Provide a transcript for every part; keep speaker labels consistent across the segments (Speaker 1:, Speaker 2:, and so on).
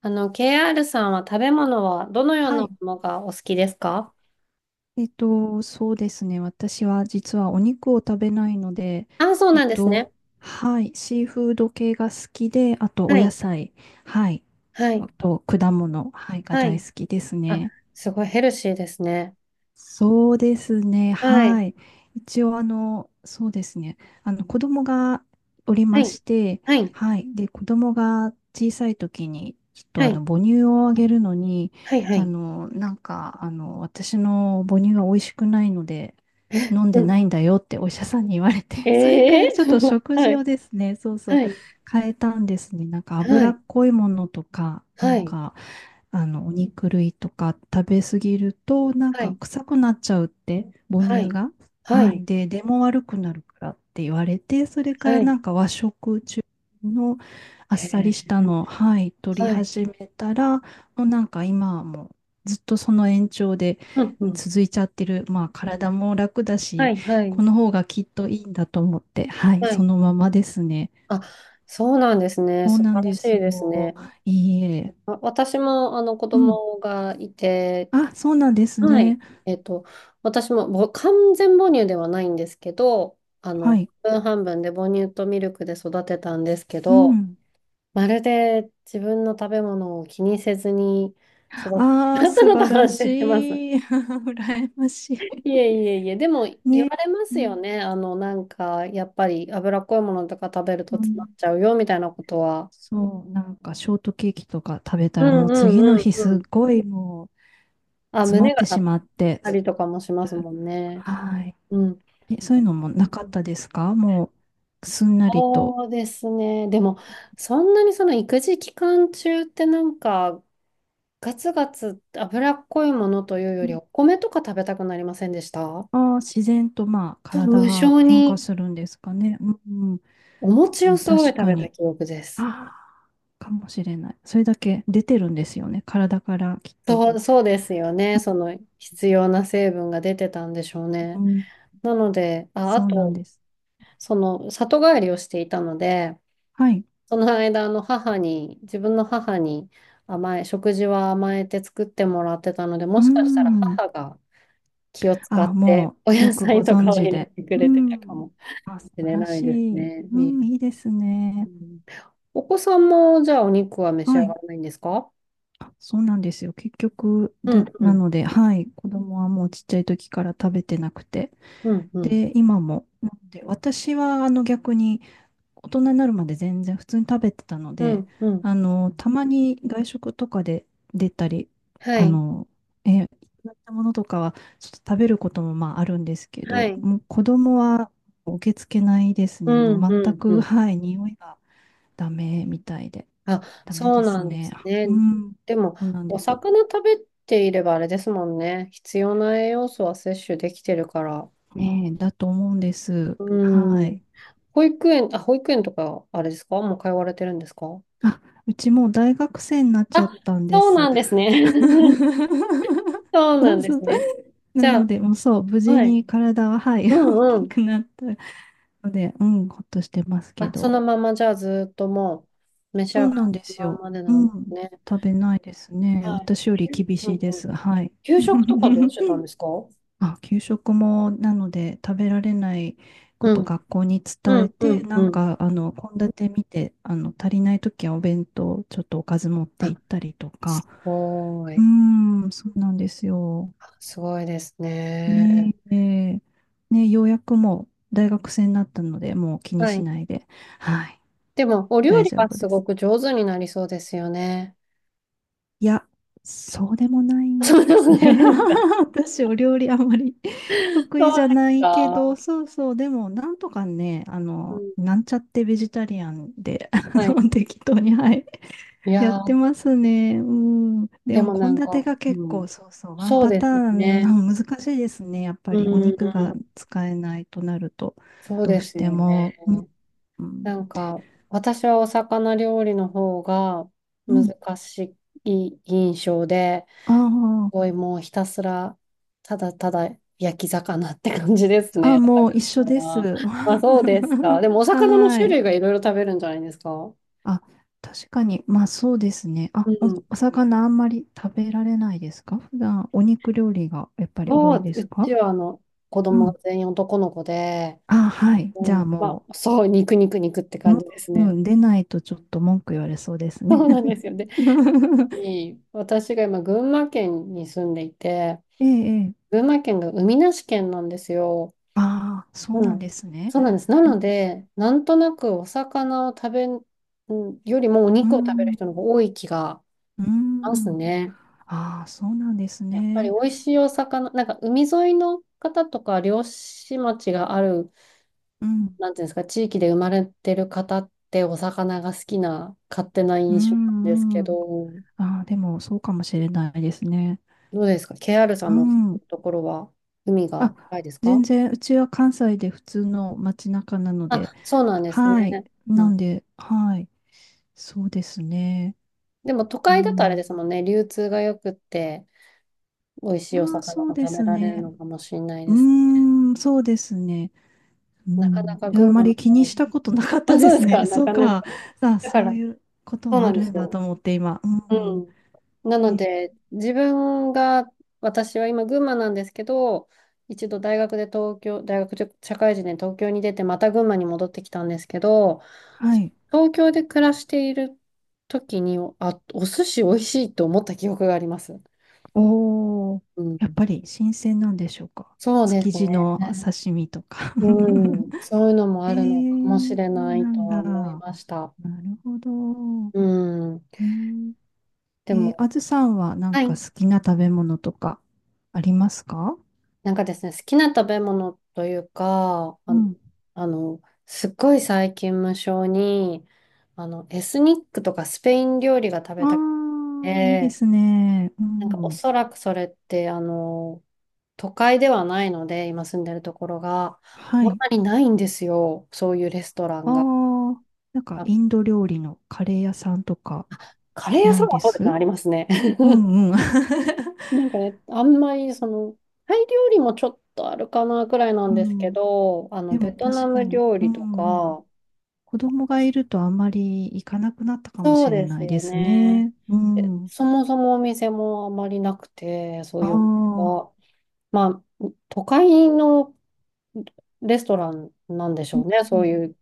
Speaker 1: KR さんは食べ物はどのよう
Speaker 2: は
Speaker 1: な
Speaker 2: い。
Speaker 1: ものがお好きですか？
Speaker 2: そうですね。私は実はお肉を食べないので、
Speaker 1: あ、そう
Speaker 2: え
Speaker 1: な
Speaker 2: っ
Speaker 1: んです
Speaker 2: と、
Speaker 1: ね。
Speaker 2: はい。シーフード系が好きで、あとお
Speaker 1: は
Speaker 2: 野
Speaker 1: い。
Speaker 2: 菜、はい。
Speaker 1: は
Speaker 2: あ
Speaker 1: い。
Speaker 2: と果物、はい、が
Speaker 1: は
Speaker 2: 大
Speaker 1: い。
Speaker 2: 好きです
Speaker 1: あ、
Speaker 2: ね。
Speaker 1: すごいヘルシーですね。
Speaker 2: そうですね。
Speaker 1: はい。
Speaker 2: はい。一応、そうですね。子供がおり
Speaker 1: は
Speaker 2: ま
Speaker 1: い。
Speaker 2: して、
Speaker 1: はい。
Speaker 2: はい。で、子供が小さい時に、ちょっと
Speaker 1: はい。
Speaker 2: 母乳をあげるのに、
Speaker 1: はい。はい。
Speaker 2: 私の母乳は美味しくないので、飲ん
Speaker 1: う
Speaker 2: でな
Speaker 1: ん。
Speaker 2: いんだよってお医者さんに言われて、
Speaker 1: え
Speaker 2: それから
Speaker 1: え
Speaker 2: ちょっと 食
Speaker 1: は
Speaker 2: 事
Speaker 1: い。
Speaker 2: をですね、そうそう、
Speaker 1: はい。
Speaker 2: 変えたんですね。
Speaker 1: は
Speaker 2: 脂
Speaker 1: い。
Speaker 2: っこいものとか、
Speaker 1: はい。
Speaker 2: お肉類とか食べ過ぎると、
Speaker 1: はい。
Speaker 2: 臭くなっちゃうって、母
Speaker 1: は
Speaker 2: 乳
Speaker 1: い。
Speaker 2: が。
Speaker 1: は
Speaker 2: は
Speaker 1: い。
Speaker 2: い。で、出も悪くなるからって言われて、それか
Speaker 1: は
Speaker 2: ら
Speaker 1: い。
Speaker 2: 和食中のあっ
Speaker 1: へ
Speaker 2: さりし
Speaker 1: え。
Speaker 2: たのを、はい、取り
Speaker 1: はい。
Speaker 2: 始めたら、もう今はもうずっとその延長で
Speaker 1: うん。う
Speaker 2: うん
Speaker 1: ん。
Speaker 2: 続いちゃってる。まあ体も楽だ
Speaker 1: は
Speaker 2: し、
Speaker 1: い。は
Speaker 2: こ
Speaker 1: い。
Speaker 2: の方がきっといいんだと思って、はい、
Speaker 1: は
Speaker 2: そ
Speaker 1: い。
Speaker 2: のままですね。
Speaker 1: あ、そうなんですね。
Speaker 2: そう
Speaker 1: 素
Speaker 2: なん
Speaker 1: 晴ら
Speaker 2: で
Speaker 1: し
Speaker 2: す
Speaker 1: いです
Speaker 2: よ。
Speaker 1: ね。
Speaker 2: いいえ。
Speaker 1: わ私も子
Speaker 2: うん。
Speaker 1: 供がいて、
Speaker 2: あ、そうなんです
Speaker 1: はい。
Speaker 2: ね。
Speaker 1: えっと、私もぼ完全母乳ではないんですけど、
Speaker 2: はい。
Speaker 1: 半分半分で母乳とミルクで育てたんですけ
Speaker 2: う
Speaker 1: ど、
Speaker 2: ん。
Speaker 1: まるで自分の食べ物を気にせずに育って
Speaker 2: あ
Speaker 1: し
Speaker 2: あ、
Speaker 1: まった
Speaker 2: 素
Speaker 1: のと
Speaker 2: 晴ら
Speaker 1: 反省
Speaker 2: し
Speaker 1: してます。
Speaker 2: い。羨まし
Speaker 1: いえいえいえ、でも
Speaker 2: い。
Speaker 1: 言
Speaker 2: ね。
Speaker 1: われま
Speaker 2: う
Speaker 1: すよ
Speaker 2: ん。
Speaker 1: ね。やっぱり脂っこいものとか食べる
Speaker 2: う
Speaker 1: と詰ま
Speaker 2: ん。
Speaker 1: っちゃうよみたいなことは。
Speaker 2: そう、ショートケーキとか食べた
Speaker 1: う
Speaker 2: ら
Speaker 1: ん
Speaker 2: もう
Speaker 1: うん
Speaker 2: 次の
Speaker 1: う
Speaker 2: 日
Speaker 1: ん
Speaker 2: す
Speaker 1: う
Speaker 2: っ
Speaker 1: ん。
Speaker 2: ごいもう
Speaker 1: あ、
Speaker 2: 詰ま
Speaker 1: 胸
Speaker 2: っ
Speaker 1: が
Speaker 2: て
Speaker 1: 張
Speaker 2: し
Speaker 1: っ
Speaker 2: まって。
Speaker 1: たりとかもしますもんね。
Speaker 2: はい。
Speaker 1: うん。
Speaker 2: え、そういうのもなかったですか？もうすんなりと。
Speaker 1: そうですね。でも、そんなにその育児期間中ってガツガツ脂っこいものというより、お米とか食べたくなりませんでした？
Speaker 2: ああー、自然とまあ
Speaker 1: そう、
Speaker 2: 体
Speaker 1: 無
Speaker 2: が
Speaker 1: 性
Speaker 2: 変化
Speaker 1: に
Speaker 2: するんですかね。うん。
Speaker 1: お餅
Speaker 2: う
Speaker 1: を
Speaker 2: ん、
Speaker 1: すごい
Speaker 2: 確
Speaker 1: 食
Speaker 2: か
Speaker 1: べた
Speaker 2: に。
Speaker 1: 記憶です。
Speaker 2: ああ、かもしれない。それだけ出てるんですよね。体からきっと。
Speaker 1: そう、そうですよね。その必要な成分が出てたんでしょうね。なので、あ、あ
Speaker 2: そうなん
Speaker 1: と、
Speaker 2: です。
Speaker 1: その里帰りをしていたので、
Speaker 2: はい。
Speaker 1: その間、あの母に、自分の母に甘え、食事は甘えて作ってもらってたので、
Speaker 2: う
Speaker 1: も
Speaker 2: ー
Speaker 1: しかしたら
Speaker 2: ん。
Speaker 1: 母が気を使
Speaker 2: あ、
Speaker 1: って
Speaker 2: も
Speaker 1: お
Speaker 2: う、よ
Speaker 1: 野
Speaker 2: くご
Speaker 1: 菜と
Speaker 2: 存
Speaker 1: かを
Speaker 2: 知
Speaker 1: 入れ
Speaker 2: で。
Speaker 1: てく
Speaker 2: う
Speaker 1: れてたか
Speaker 2: ん。
Speaker 1: も
Speaker 2: あ、素
Speaker 1: し
Speaker 2: 晴
Speaker 1: れ
Speaker 2: ら
Speaker 1: ない
Speaker 2: し
Speaker 1: です
Speaker 2: い。
Speaker 1: ね。
Speaker 2: うん、
Speaker 1: み、
Speaker 2: いいです
Speaker 1: う
Speaker 2: ね。
Speaker 1: ん、お子さんもじゃあお肉は召し
Speaker 2: は
Speaker 1: 上が
Speaker 2: い。
Speaker 1: らないんですか？
Speaker 2: あ、そうなんですよ。結局、
Speaker 1: う
Speaker 2: で、
Speaker 1: んう
Speaker 2: な
Speaker 1: ん
Speaker 2: ので、はい。子供はもうちっちゃい時から食べてなくて。
Speaker 1: うんうん
Speaker 2: で、今も。なので、私は、逆に、大人になるまで全然普通に食べてたの
Speaker 1: う
Speaker 2: で、
Speaker 1: んうん。
Speaker 2: たまに外食とかで出たり、
Speaker 1: は
Speaker 2: あ
Speaker 1: い。
Speaker 2: の、いただいたものとかはちょっと食べることもまああるんですけ
Speaker 1: は
Speaker 2: ど、
Speaker 1: い。
Speaker 2: もう子供は受け付けないです
Speaker 1: う
Speaker 2: ね。も
Speaker 1: んう
Speaker 2: う全
Speaker 1: んう
Speaker 2: く、
Speaker 1: ん。
Speaker 2: はい、匂いがダメみたいで。
Speaker 1: あ、
Speaker 2: ダメ
Speaker 1: そ
Speaker 2: で
Speaker 1: う
Speaker 2: す
Speaker 1: なんで
Speaker 2: ね。
Speaker 1: すね。
Speaker 2: うん、
Speaker 1: でも、
Speaker 2: そうなん
Speaker 1: お
Speaker 2: です。
Speaker 1: 魚食べていればあれですもんね。必要な栄養素は摂取できてるから。
Speaker 2: ねえ、だと思うんです。は
Speaker 1: うん。
Speaker 2: い。
Speaker 1: 保育園、あ、保育園とか、あれですかもう通われてるんですか？
Speaker 2: あ、うちもう大学生になっちゃ
Speaker 1: あ、
Speaker 2: ったんで
Speaker 1: そう
Speaker 2: す。
Speaker 1: なんですね。そう
Speaker 2: そ
Speaker 1: な
Speaker 2: う
Speaker 1: んで
Speaker 2: そう、
Speaker 1: すね。じ
Speaker 2: な
Speaker 1: ゃ
Speaker 2: ので、もうそう、無
Speaker 1: あ、
Speaker 2: 事
Speaker 1: はい。
Speaker 2: に体は、はい、
Speaker 1: う
Speaker 2: 大
Speaker 1: んう
Speaker 2: き
Speaker 1: ん。
Speaker 2: くなったので、うん、ほっとしてますけ
Speaker 1: あ、そ
Speaker 2: ど。
Speaker 1: のまま、じゃあ、ずっともう、召し
Speaker 2: そ
Speaker 1: 上が
Speaker 2: うなんで
Speaker 1: る
Speaker 2: す
Speaker 1: ま
Speaker 2: よ。
Speaker 1: までなん
Speaker 2: う
Speaker 1: です
Speaker 2: ん、
Speaker 1: ね。
Speaker 2: 食べないですね。
Speaker 1: はい。
Speaker 2: 私より厳
Speaker 1: うん
Speaker 2: しいで
Speaker 1: うん。
Speaker 2: す。はい。
Speaker 1: 給食とかどうしてたんで すか？う
Speaker 2: あ、給食も、なので、食べられないこと
Speaker 1: ん。
Speaker 2: 学校に
Speaker 1: う
Speaker 2: 伝え
Speaker 1: んう
Speaker 2: て、
Speaker 1: んうん。
Speaker 2: 献立見て、足りないときはお弁当、ちょっとおかず持って
Speaker 1: あ、
Speaker 2: 行ったりとか。
Speaker 1: すご
Speaker 2: う
Speaker 1: い。
Speaker 2: ーん、そうなんですよ。
Speaker 1: あすごいですね。
Speaker 2: ねえ、ねね、ようやくもう大学生になったので、もう気に
Speaker 1: は
Speaker 2: し
Speaker 1: い。
Speaker 2: ないで、はい、
Speaker 1: でも、お料
Speaker 2: 大
Speaker 1: 理
Speaker 2: 丈
Speaker 1: は
Speaker 2: 夫
Speaker 1: す
Speaker 2: で
Speaker 1: ご
Speaker 2: す。
Speaker 1: く上手になりそうですよね。
Speaker 2: いや、そうでもない ん
Speaker 1: そう
Speaker 2: で
Speaker 1: な
Speaker 2: す
Speaker 1: こ
Speaker 2: ね。
Speaker 1: ないですか。
Speaker 2: 私、お料理あまり 得
Speaker 1: そう
Speaker 2: 意じゃ
Speaker 1: で
Speaker 2: な
Speaker 1: す
Speaker 2: いけど、
Speaker 1: か。
Speaker 2: そうそう、でも、なんとかね、
Speaker 1: うん、
Speaker 2: なんちゃってベジタリアンで、
Speaker 1: はい。
Speaker 2: 適当に、はい。
Speaker 1: い
Speaker 2: やっ
Speaker 1: や
Speaker 2: て
Speaker 1: ー、
Speaker 2: ますね。うん。で
Speaker 1: で
Speaker 2: も、
Speaker 1: も
Speaker 2: 献立が結
Speaker 1: うん。
Speaker 2: 構、そうそう、ワン
Speaker 1: そう
Speaker 2: パ
Speaker 1: で
Speaker 2: ター
Speaker 1: すよ
Speaker 2: ン、
Speaker 1: ね。
Speaker 2: うん難しいですね。やっぱ
Speaker 1: うん
Speaker 2: り、お
Speaker 1: う
Speaker 2: 肉
Speaker 1: んう
Speaker 2: が
Speaker 1: ん。
Speaker 2: 使えないとなると、
Speaker 1: そう
Speaker 2: どう
Speaker 1: で
Speaker 2: し
Speaker 1: すよ
Speaker 2: て
Speaker 1: ね。
Speaker 2: も。うん。
Speaker 1: 私はお魚料理の方が
Speaker 2: うん。
Speaker 1: 難しい印象で、す
Speaker 2: あ
Speaker 1: ごいもうひたすら、ただただ焼き魚って感じです
Speaker 2: あ、あ、
Speaker 1: ね、お
Speaker 2: もう一緒で
Speaker 1: 魚
Speaker 2: す。
Speaker 1: は。ま
Speaker 2: は
Speaker 1: あ、そうですか。でもお魚の
Speaker 2: ー
Speaker 1: 種
Speaker 2: い。
Speaker 1: 類がいろいろ食べるんじゃないですか。
Speaker 2: あ、確かに、まあそうですね。
Speaker 1: う
Speaker 2: あ、お、
Speaker 1: ん。
Speaker 2: お魚あんまり食べられないですか？普段、お肉料理がやっぱり多
Speaker 1: そ
Speaker 2: い
Speaker 1: う、
Speaker 2: です
Speaker 1: うち
Speaker 2: か？
Speaker 1: は子
Speaker 2: う
Speaker 1: 供
Speaker 2: ん。
Speaker 1: が全員男の子で、
Speaker 2: あ、はい。じゃ
Speaker 1: う
Speaker 2: あ
Speaker 1: ん、ま
Speaker 2: も
Speaker 1: あ、そう、肉肉肉って感じです
Speaker 2: う、う
Speaker 1: ね。
Speaker 2: ん、出ないとちょっと文句言われそうです
Speaker 1: そ
Speaker 2: ね。
Speaker 1: うなんですよね。で い私が今、群馬県に住んでいて、
Speaker 2: ええ、ええ。
Speaker 1: 群馬県が海なし県なんですよ。
Speaker 2: ああ、そう
Speaker 1: う
Speaker 2: なんで
Speaker 1: ん。
Speaker 2: すね。
Speaker 1: そうなんです。な
Speaker 2: う
Speaker 1: の
Speaker 2: ん、
Speaker 1: で、なんとなくお魚を食べんよりもお
Speaker 2: う
Speaker 1: 肉を食べる
Speaker 2: ん、
Speaker 1: 人の方が多い気が
Speaker 2: う
Speaker 1: します
Speaker 2: ん。
Speaker 1: ね。
Speaker 2: ああ、そうなんです
Speaker 1: やっぱり
Speaker 2: ね。
Speaker 1: 美味しいお魚、海沿いの方とか漁師町がある
Speaker 2: うん、
Speaker 1: なんていうんですか、地域で生まれてる方ってお魚が好きな勝手な
Speaker 2: う
Speaker 1: 印象なんですけ
Speaker 2: ん、うん。
Speaker 1: ど、
Speaker 2: ああ、でも、そうかもしれないですね。
Speaker 1: どうですか？ KR さ
Speaker 2: う
Speaker 1: んの
Speaker 2: ん。
Speaker 1: ところは海
Speaker 2: あ、
Speaker 1: が近いです
Speaker 2: 全
Speaker 1: か？
Speaker 2: 然、うちは関西で普通の街中なので、
Speaker 1: あ、そうなんです
Speaker 2: はい。
Speaker 1: ね。う
Speaker 2: なん
Speaker 1: ん。
Speaker 2: で、はい。そうですね。
Speaker 1: でも都
Speaker 2: う
Speaker 1: 会だとあれで
Speaker 2: ん。
Speaker 1: すもんね、流通が良くって、美味しいお
Speaker 2: まあ、
Speaker 1: 魚が
Speaker 2: そうで
Speaker 1: 食べ
Speaker 2: す
Speaker 1: られる
Speaker 2: ね。
Speaker 1: のかもしれない
Speaker 2: う
Speaker 1: です。
Speaker 2: ーん、そうですね。う
Speaker 1: なか
Speaker 2: ん、
Speaker 1: なか
Speaker 2: いや、あ
Speaker 1: 群
Speaker 2: ま
Speaker 1: 馬も
Speaker 2: り気に
Speaker 1: 美味
Speaker 2: し
Speaker 1: しい。
Speaker 2: たことなかった
Speaker 1: あ、そ
Speaker 2: で
Speaker 1: うで
Speaker 2: す
Speaker 1: すか、
Speaker 2: ね。
Speaker 1: な
Speaker 2: そう
Speaker 1: かな
Speaker 2: か。
Speaker 1: か。
Speaker 2: さあ、
Speaker 1: だか
Speaker 2: そう
Speaker 1: ら、
Speaker 2: いうこと
Speaker 1: そう
Speaker 2: も
Speaker 1: な
Speaker 2: あ
Speaker 1: ん
Speaker 2: る
Speaker 1: で
Speaker 2: ん
Speaker 1: す
Speaker 2: だと
Speaker 1: よ。
Speaker 2: 思って今。
Speaker 1: う
Speaker 2: うん。
Speaker 1: ん。なの
Speaker 2: え、
Speaker 1: で、自分が、私は今、群馬なんですけど、一度大学で東京、大学社会人で東京に出て、また群馬に戻ってきたんですけど、
Speaker 2: はい。
Speaker 1: 東京で暮らしている時に、あ、お寿司美味しいと思った記憶があります。
Speaker 2: おお、
Speaker 1: う
Speaker 2: やっ
Speaker 1: ん。
Speaker 2: ぱり新鮮なんでしょうか。
Speaker 1: そうで
Speaker 2: 築
Speaker 1: す
Speaker 2: 地の
Speaker 1: ね。
Speaker 2: 刺身とか。
Speaker 1: うん。そういうのも
Speaker 2: え
Speaker 1: あるのかもし
Speaker 2: ー、
Speaker 1: れ
Speaker 2: そう
Speaker 1: な
Speaker 2: な
Speaker 1: いと
Speaker 2: ん
Speaker 1: は
Speaker 2: だ。
Speaker 1: 思い
Speaker 2: な
Speaker 1: ました。
Speaker 2: るほど。
Speaker 1: うん。
Speaker 2: えー、
Speaker 1: で
Speaker 2: あ
Speaker 1: も、
Speaker 2: ずさんはなん
Speaker 1: は
Speaker 2: か
Speaker 1: い。
Speaker 2: 好きな食べ物とかありますか？
Speaker 1: なんかですね、好きな食べ物というか、
Speaker 2: うん。
Speaker 1: あのすっごい最近無性に、エスニックとかスペイン料理が食
Speaker 2: あ
Speaker 1: べたく
Speaker 2: あ、いいで
Speaker 1: て、
Speaker 2: すね。う
Speaker 1: なんかお
Speaker 2: ん。
Speaker 1: そらくそれって、都会ではないので、今住んでるところが、あ
Speaker 2: は
Speaker 1: ん
Speaker 2: い。
Speaker 1: まりないんですよ、そういうレストラ
Speaker 2: あ
Speaker 1: ンが。
Speaker 2: あ、なんか
Speaker 1: あ、
Speaker 2: インド料理のカレー屋さんとか
Speaker 1: カレー屋
Speaker 2: な
Speaker 1: さん
Speaker 2: い
Speaker 1: は
Speaker 2: で
Speaker 1: そうですね、
Speaker 2: す？
Speaker 1: ありますね。
Speaker 2: うんうん。
Speaker 1: なんかね、あんまりその、タイ料理もちょっとあるかなくらいな
Speaker 2: う
Speaker 1: んですけ
Speaker 2: ん。
Speaker 1: ど、
Speaker 2: でも
Speaker 1: ベトナ
Speaker 2: 確か
Speaker 1: ム
Speaker 2: に。
Speaker 1: 料
Speaker 2: う
Speaker 1: 理と
Speaker 2: んうん。
Speaker 1: か、
Speaker 2: 子供がいるとあんまり行かなくなったかも
Speaker 1: そう
Speaker 2: しれ
Speaker 1: です
Speaker 2: ないで
Speaker 1: よ
Speaker 2: す
Speaker 1: ね。
Speaker 2: ね。う
Speaker 1: え
Speaker 2: ん。
Speaker 1: そもそもお店もあまりなくて、そ
Speaker 2: あ
Speaker 1: ういうお店
Speaker 2: あ、う
Speaker 1: が。まあ、都会のレストランなんでし
Speaker 2: ん
Speaker 1: ょうね。
Speaker 2: う
Speaker 1: そう
Speaker 2: ん、
Speaker 1: いう、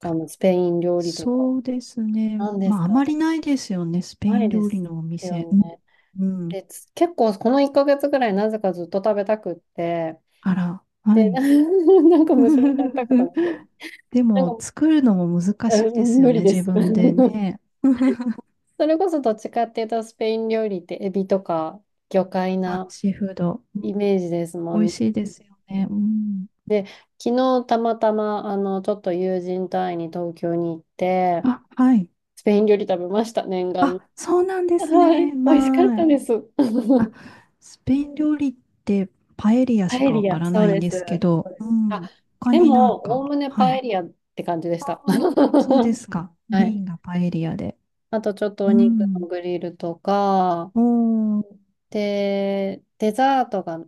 Speaker 1: あの、スペイン料理とか。
Speaker 2: そうですね。
Speaker 1: なんで
Speaker 2: ま
Speaker 1: す
Speaker 2: ああ
Speaker 1: か
Speaker 2: ま
Speaker 1: ね。
Speaker 2: りないですよね。スペ
Speaker 1: な
Speaker 2: イン
Speaker 1: いで
Speaker 2: 料理
Speaker 1: す
Speaker 2: のお店。
Speaker 1: よ
Speaker 2: うん。
Speaker 1: ね。
Speaker 2: うん、
Speaker 1: で、つ結構この1ヶ月ぐらいなぜかずっと食べたくって、
Speaker 2: あら、は
Speaker 1: で、
Speaker 2: い。
Speaker 1: な なんか無性に食べたかったんですけど、
Speaker 2: で
Speaker 1: なん
Speaker 2: も
Speaker 1: か、
Speaker 2: 作るのも難
Speaker 1: え
Speaker 2: しいですよ
Speaker 1: 無理
Speaker 2: ね。
Speaker 1: で
Speaker 2: 自
Speaker 1: す。
Speaker 2: 分で ね。
Speaker 1: それこそどっちかっていうと、スペイン料理ってエビとか魚介
Speaker 2: あ、
Speaker 1: な
Speaker 2: シーフード。
Speaker 1: イメージですも
Speaker 2: 美
Speaker 1: ん
Speaker 2: 味しい
Speaker 1: ね。
Speaker 2: ですよね。うん。
Speaker 1: で、昨日たまたま、ちょっと友人隊に東京に行って、
Speaker 2: あ、はい。
Speaker 1: スペイン料理食べました、念願の。
Speaker 2: あ、そうなん です
Speaker 1: はい、
Speaker 2: ね。
Speaker 1: 美味しかっ
Speaker 2: ま
Speaker 1: た
Speaker 2: あ、
Speaker 1: です。
Speaker 2: あ、スペイン料理ってパエリア
Speaker 1: パ
Speaker 2: し
Speaker 1: エ
Speaker 2: かわ
Speaker 1: リ
Speaker 2: か
Speaker 1: ア、
Speaker 2: ら
Speaker 1: そ
Speaker 2: な
Speaker 1: う
Speaker 2: いん
Speaker 1: です。
Speaker 2: で
Speaker 1: そ
Speaker 2: すけど、
Speaker 1: うで
Speaker 2: う
Speaker 1: す。あ、
Speaker 2: ん。他
Speaker 1: で
Speaker 2: にな
Speaker 1: も、
Speaker 2: ん
Speaker 1: お
Speaker 2: か、
Speaker 1: おむね
Speaker 2: は
Speaker 1: パ
Speaker 2: い。
Speaker 1: エリアって感じでした。
Speaker 2: あ、そうで
Speaker 1: は
Speaker 2: すか。メイ
Speaker 1: い。
Speaker 2: ンがパエリアで。
Speaker 1: あと、ちょっと
Speaker 2: う
Speaker 1: お肉の
Speaker 2: ん。
Speaker 1: グリルとか、
Speaker 2: おー。
Speaker 1: で、デザートが、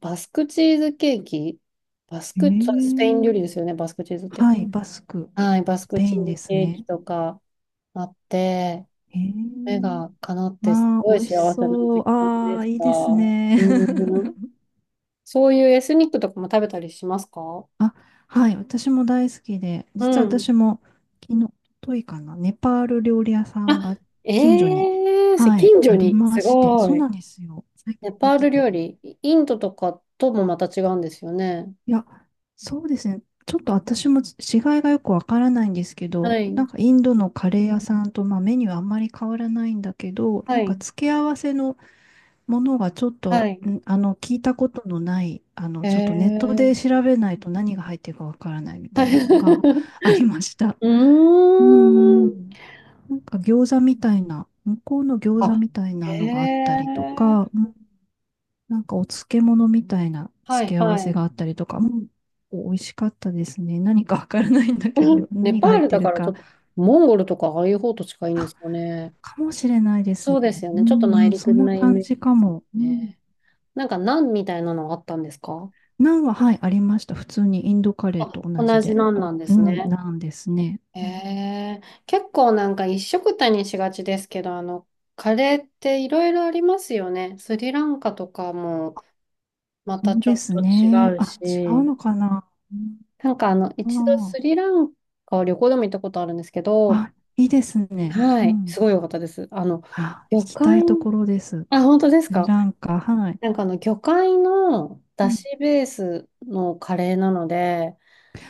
Speaker 1: バスクチーズケーキ、バスク、そうスペ
Speaker 2: ええ、
Speaker 1: イン料理ですよね、バスクチーズって。
Speaker 2: はい。バスク。
Speaker 1: はい、バス
Speaker 2: ス
Speaker 1: ク
Speaker 2: ペ
Speaker 1: チ
Speaker 2: イ
Speaker 1: ー
Speaker 2: ンで
Speaker 1: ズ
Speaker 2: す
Speaker 1: ケーキ
Speaker 2: ね。
Speaker 1: とか、あって、目
Speaker 2: ええ、
Speaker 1: が叶ってす
Speaker 2: まあ、
Speaker 1: ごい
Speaker 2: 美
Speaker 1: 幸
Speaker 2: 味し
Speaker 1: せな
Speaker 2: そ
Speaker 1: 時
Speaker 2: う。
Speaker 1: 間
Speaker 2: あ
Speaker 1: で
Speaker 2: あ、
Speaker 1: し
Speaker 2: いい
Speaker 1: た。
Speaker 2: ですね。
Speaker 1: うん。そういうエスニックとかも食べたりしますか？
Speaker 2: あ、はい、私も大好きで、実
Speaker 1: う
Speaker 2: は
Speaker 1: ん。
Speaker 2: 私も昨日、といかな、ネパール料理屋さん
Speaker 1: あ、
Speaker 2: が
Speaker 1: え
Speaker 2: 近所に、
Speaker 1: え
Speaker 2: はい、
Speaker 1: 近所
Speaker 2: あり
Speaker 1: に、
Speaker 2: ま
Speaker 1: す
Speaker 2: して、
Speaker 1: ご
Speaker 2: そう
Speaker 1: い。
Speaker 2: なんですよ。最近
Speaker 1: ネ
Speaker 2: で
Speaker 1: パー
Speaker 2: き
Speaker 1: ル料
Speaker 2: て。
Speaker 1: 理、イインドとかともまた違うんですよね。
Speaker 2: いや、そうですね。ちょっと私も違いがよくわからないんですけ
Speaker 1: は
Speaker 2: ど、
Speaker 1: い。
Speaker 2: インドのカレー屋さんと、まあ、メニューあんまり変わらないんだけど、
Speaker 1: はい。
Speaker 2: 付け合わせのものがちょっ
Speaker 1: は
Speaker 2: と、
Speaker 1: い。
Speaker 2: 聞いたことのない、ちょっとネットで
Speaker 1: ええ
Speaker 2: 調べないと何が入ってるかわからないみ
Speaker 1: は
Speaker 2: た
Speaker 1: い。
Speaker 2: いなのがありました。
Speaker 1: う
Speaker 2: うー
Speaker 1: ーん。
Speaker 2: ん。なんか餃子みたいな、向こうの餃子みたい
Speaker 1: あ、
Speaker 2: なのがあったりと
Speaker 1: ええ
Speaker 2: か、うん、なんかお漬物みたいな
Speaker 1: はい、
Speaker 2: 付け合わ
Speaker 1: は
Speaker 2: せ
Speaker 1: い。
Speaker 2: があったりとか、うん、美味しかったですね。何かわからないんだけど、
Speaker 1: ネ
Speaker 2: 何
Speaker 1: パ
Speaker 2: が
Speaker 1: ー
Speaker 2: 入っ
Speaker 1: ル
Speaker 2: て
Speaker 1: だ
Speaker 2: る
Speaker 1: からちょ
Speaker 2: か。
Speaker 1: っと、モンゴルとかああいう方と近いんで
Speaker 2: あ、
Speaker 1: すかね。
Speaker 2: かもしれないです
Speaker 1: そうです
Speaker 2: ね。
Speaker 1: よ
Speaker 2: う
Speaker 1: ね。ちょっと
Speaker 2: んう
Speaker 1: 内
Speaker 2: ん、そ
Speaker 1: 陸
Speaker 2: んな
Speaker 1: なイ
Speaker 2: 感
Speaker 1: メージ
Speaker 2: じか
Speaker 1: です
Speaker 2: も。うん。
Speaker 1: ね。なんか、ナンみたいなのあったんですか？
Speaker 2: ナンは、はい、ありました。普通にインドカレーと
Speaker 1: あ、
Speaker 2: 同
Speaker 1: 同
Speaker 2: じ
Speaker 1: じ
Speaker 2: で。
Speaker 1: ナン
Speaker 2: お、
Speaker 1: なんで
Speaker 2: う
Speaker 1: す
Speaker 2: ん、
Speaker 1: ね。
Speaker 2: ナンですね。
Speaker 1: へ
Speaker 2: うん、
Speaker 1: え、結構なんか一緒くたにしがちですけど、カレーっていろいろありますよね。スリランカとかもま
Speaker 2: そ
Speaker 1: た
Speaker 2: う
Speaker 1: ち
Speaker 2: で
Speaker 1: ょっ
Speaker 2: す
Speaker 1: と違
Speaker 2: ね。
Speaker 1: う
Speaker 2: あ、違う
Speaker 1: し、
Speaker 2: のかな。う
Speaker 1: 一度
Speaker 2: ん、
Speaker 1: ス
Speaker 2: ああ
Speaker 1: リランカを旅行でも行ったことあるんですけど、
Speaker 2: あ、いいですね。
Speaker 1: は
Speaker 2: う
Speaker 1: い、
Speaker 2: ん。
Speaker 1: すごい良かったです。あの、
Speaker 2: あ、
Speaker 1: 旅
Speaker 2: 行きた
Speaker 1: 館、
Speaker 2: いところです。
Speaker 1: あ、本当です
Speaker 2: スリ
Speaker 1: か？
Speaker 2: ランカ、はい。
Speaker 1: 魚介の
Speaker 2: う
Speaker 1: だ
Speaker 2: ん。
Speaker 1: しベースのカレーなので、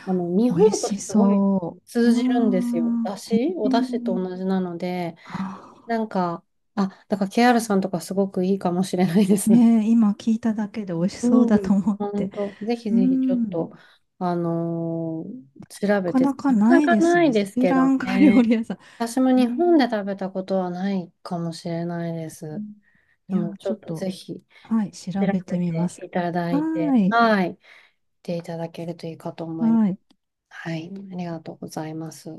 Speaker 1: 日
Speaker 2: 美
Speaker 1: 本
Speaker 2: 味
Speaker 1: と
Speaker 2: し
Speaker 1: すごい
Speaker 2: そう。
Speaker 1: 通
Speaker 2: う
Speaker 1: じるんですよ。
Speaker 2: わ
Speaker 1: だ
Speaker 2: ー、へ
Speaker 1: しおだしと
Speaker 2: え。
Speaker 1: 同じなので、
Speaker 2: あ
Speaker 1: なんか、あ、だから KR さんとかすごくいいかもしれないで
Speaker 2: ー、
Speaker 1: す。
Speaker 2: ねえ、今聞いただけで美味しそうだ
Speaker 1: うん。
Speaker 2: と思っ
Speaker 1: 本
Speaker 2: て。
Speaker 1: 当、ぜひ
Speaker 2: う
Speaker 1: ぜひちょっ
Speaker 2: ん。
Speaker 1: と、調
Speaker 2: な
Speaker 1: べ
Speaker 2: か
Speaker 1: て、
Speaker 2: なか
Speaker 1: なか
Speaker 2: な
Speaker 1: な
Speaker 2: い
Speaker 1: か
Speaker 2: です
Speaker 1: ない
Speaker 2: ね。
Speaker 1: で
Speaker 2: ス
Speaker 1: す
Speaker 2: リ
Speaker 1: け
Speaker 2: ラ
Speaker 1: ど
Speaker 2: ンカ料理
Speaker 1: ね。
Speaker 2: 屋さ
Speaker 1: 私も
Speaker 2: ん。へ
Speaker 1: 日本で食
Speaker 2: え。
Speaker 1: べたことはないかもしれないで
Speaker 2: う
Speaker 1: す。
Speaker 2: ん、い
Speaker 1: で
Speaker 2: や、
Speaker 1: もち
Speaker 2: ちょ
Speaker 1: ょ
Speaker 2: っ
Speaker 1: っとぜ
Speaker 2: と、
Speaker 1: ひ。
Speaker 2: はい、
Speaker 1: 調
Speaker 2: 調べ
Speaker 1: べ
Speaker 2: てみま
Speaker 1: て
Speaker 2: す。
Speaker 1: いただ
Speaker 2: は
Speaker 1: いて、
Speaker 2: ーい。
Speaker 1: はい、見ていただけるといいかと思います。
Speaker 2: はい。
Speaker 1: はい、ありがとうございます。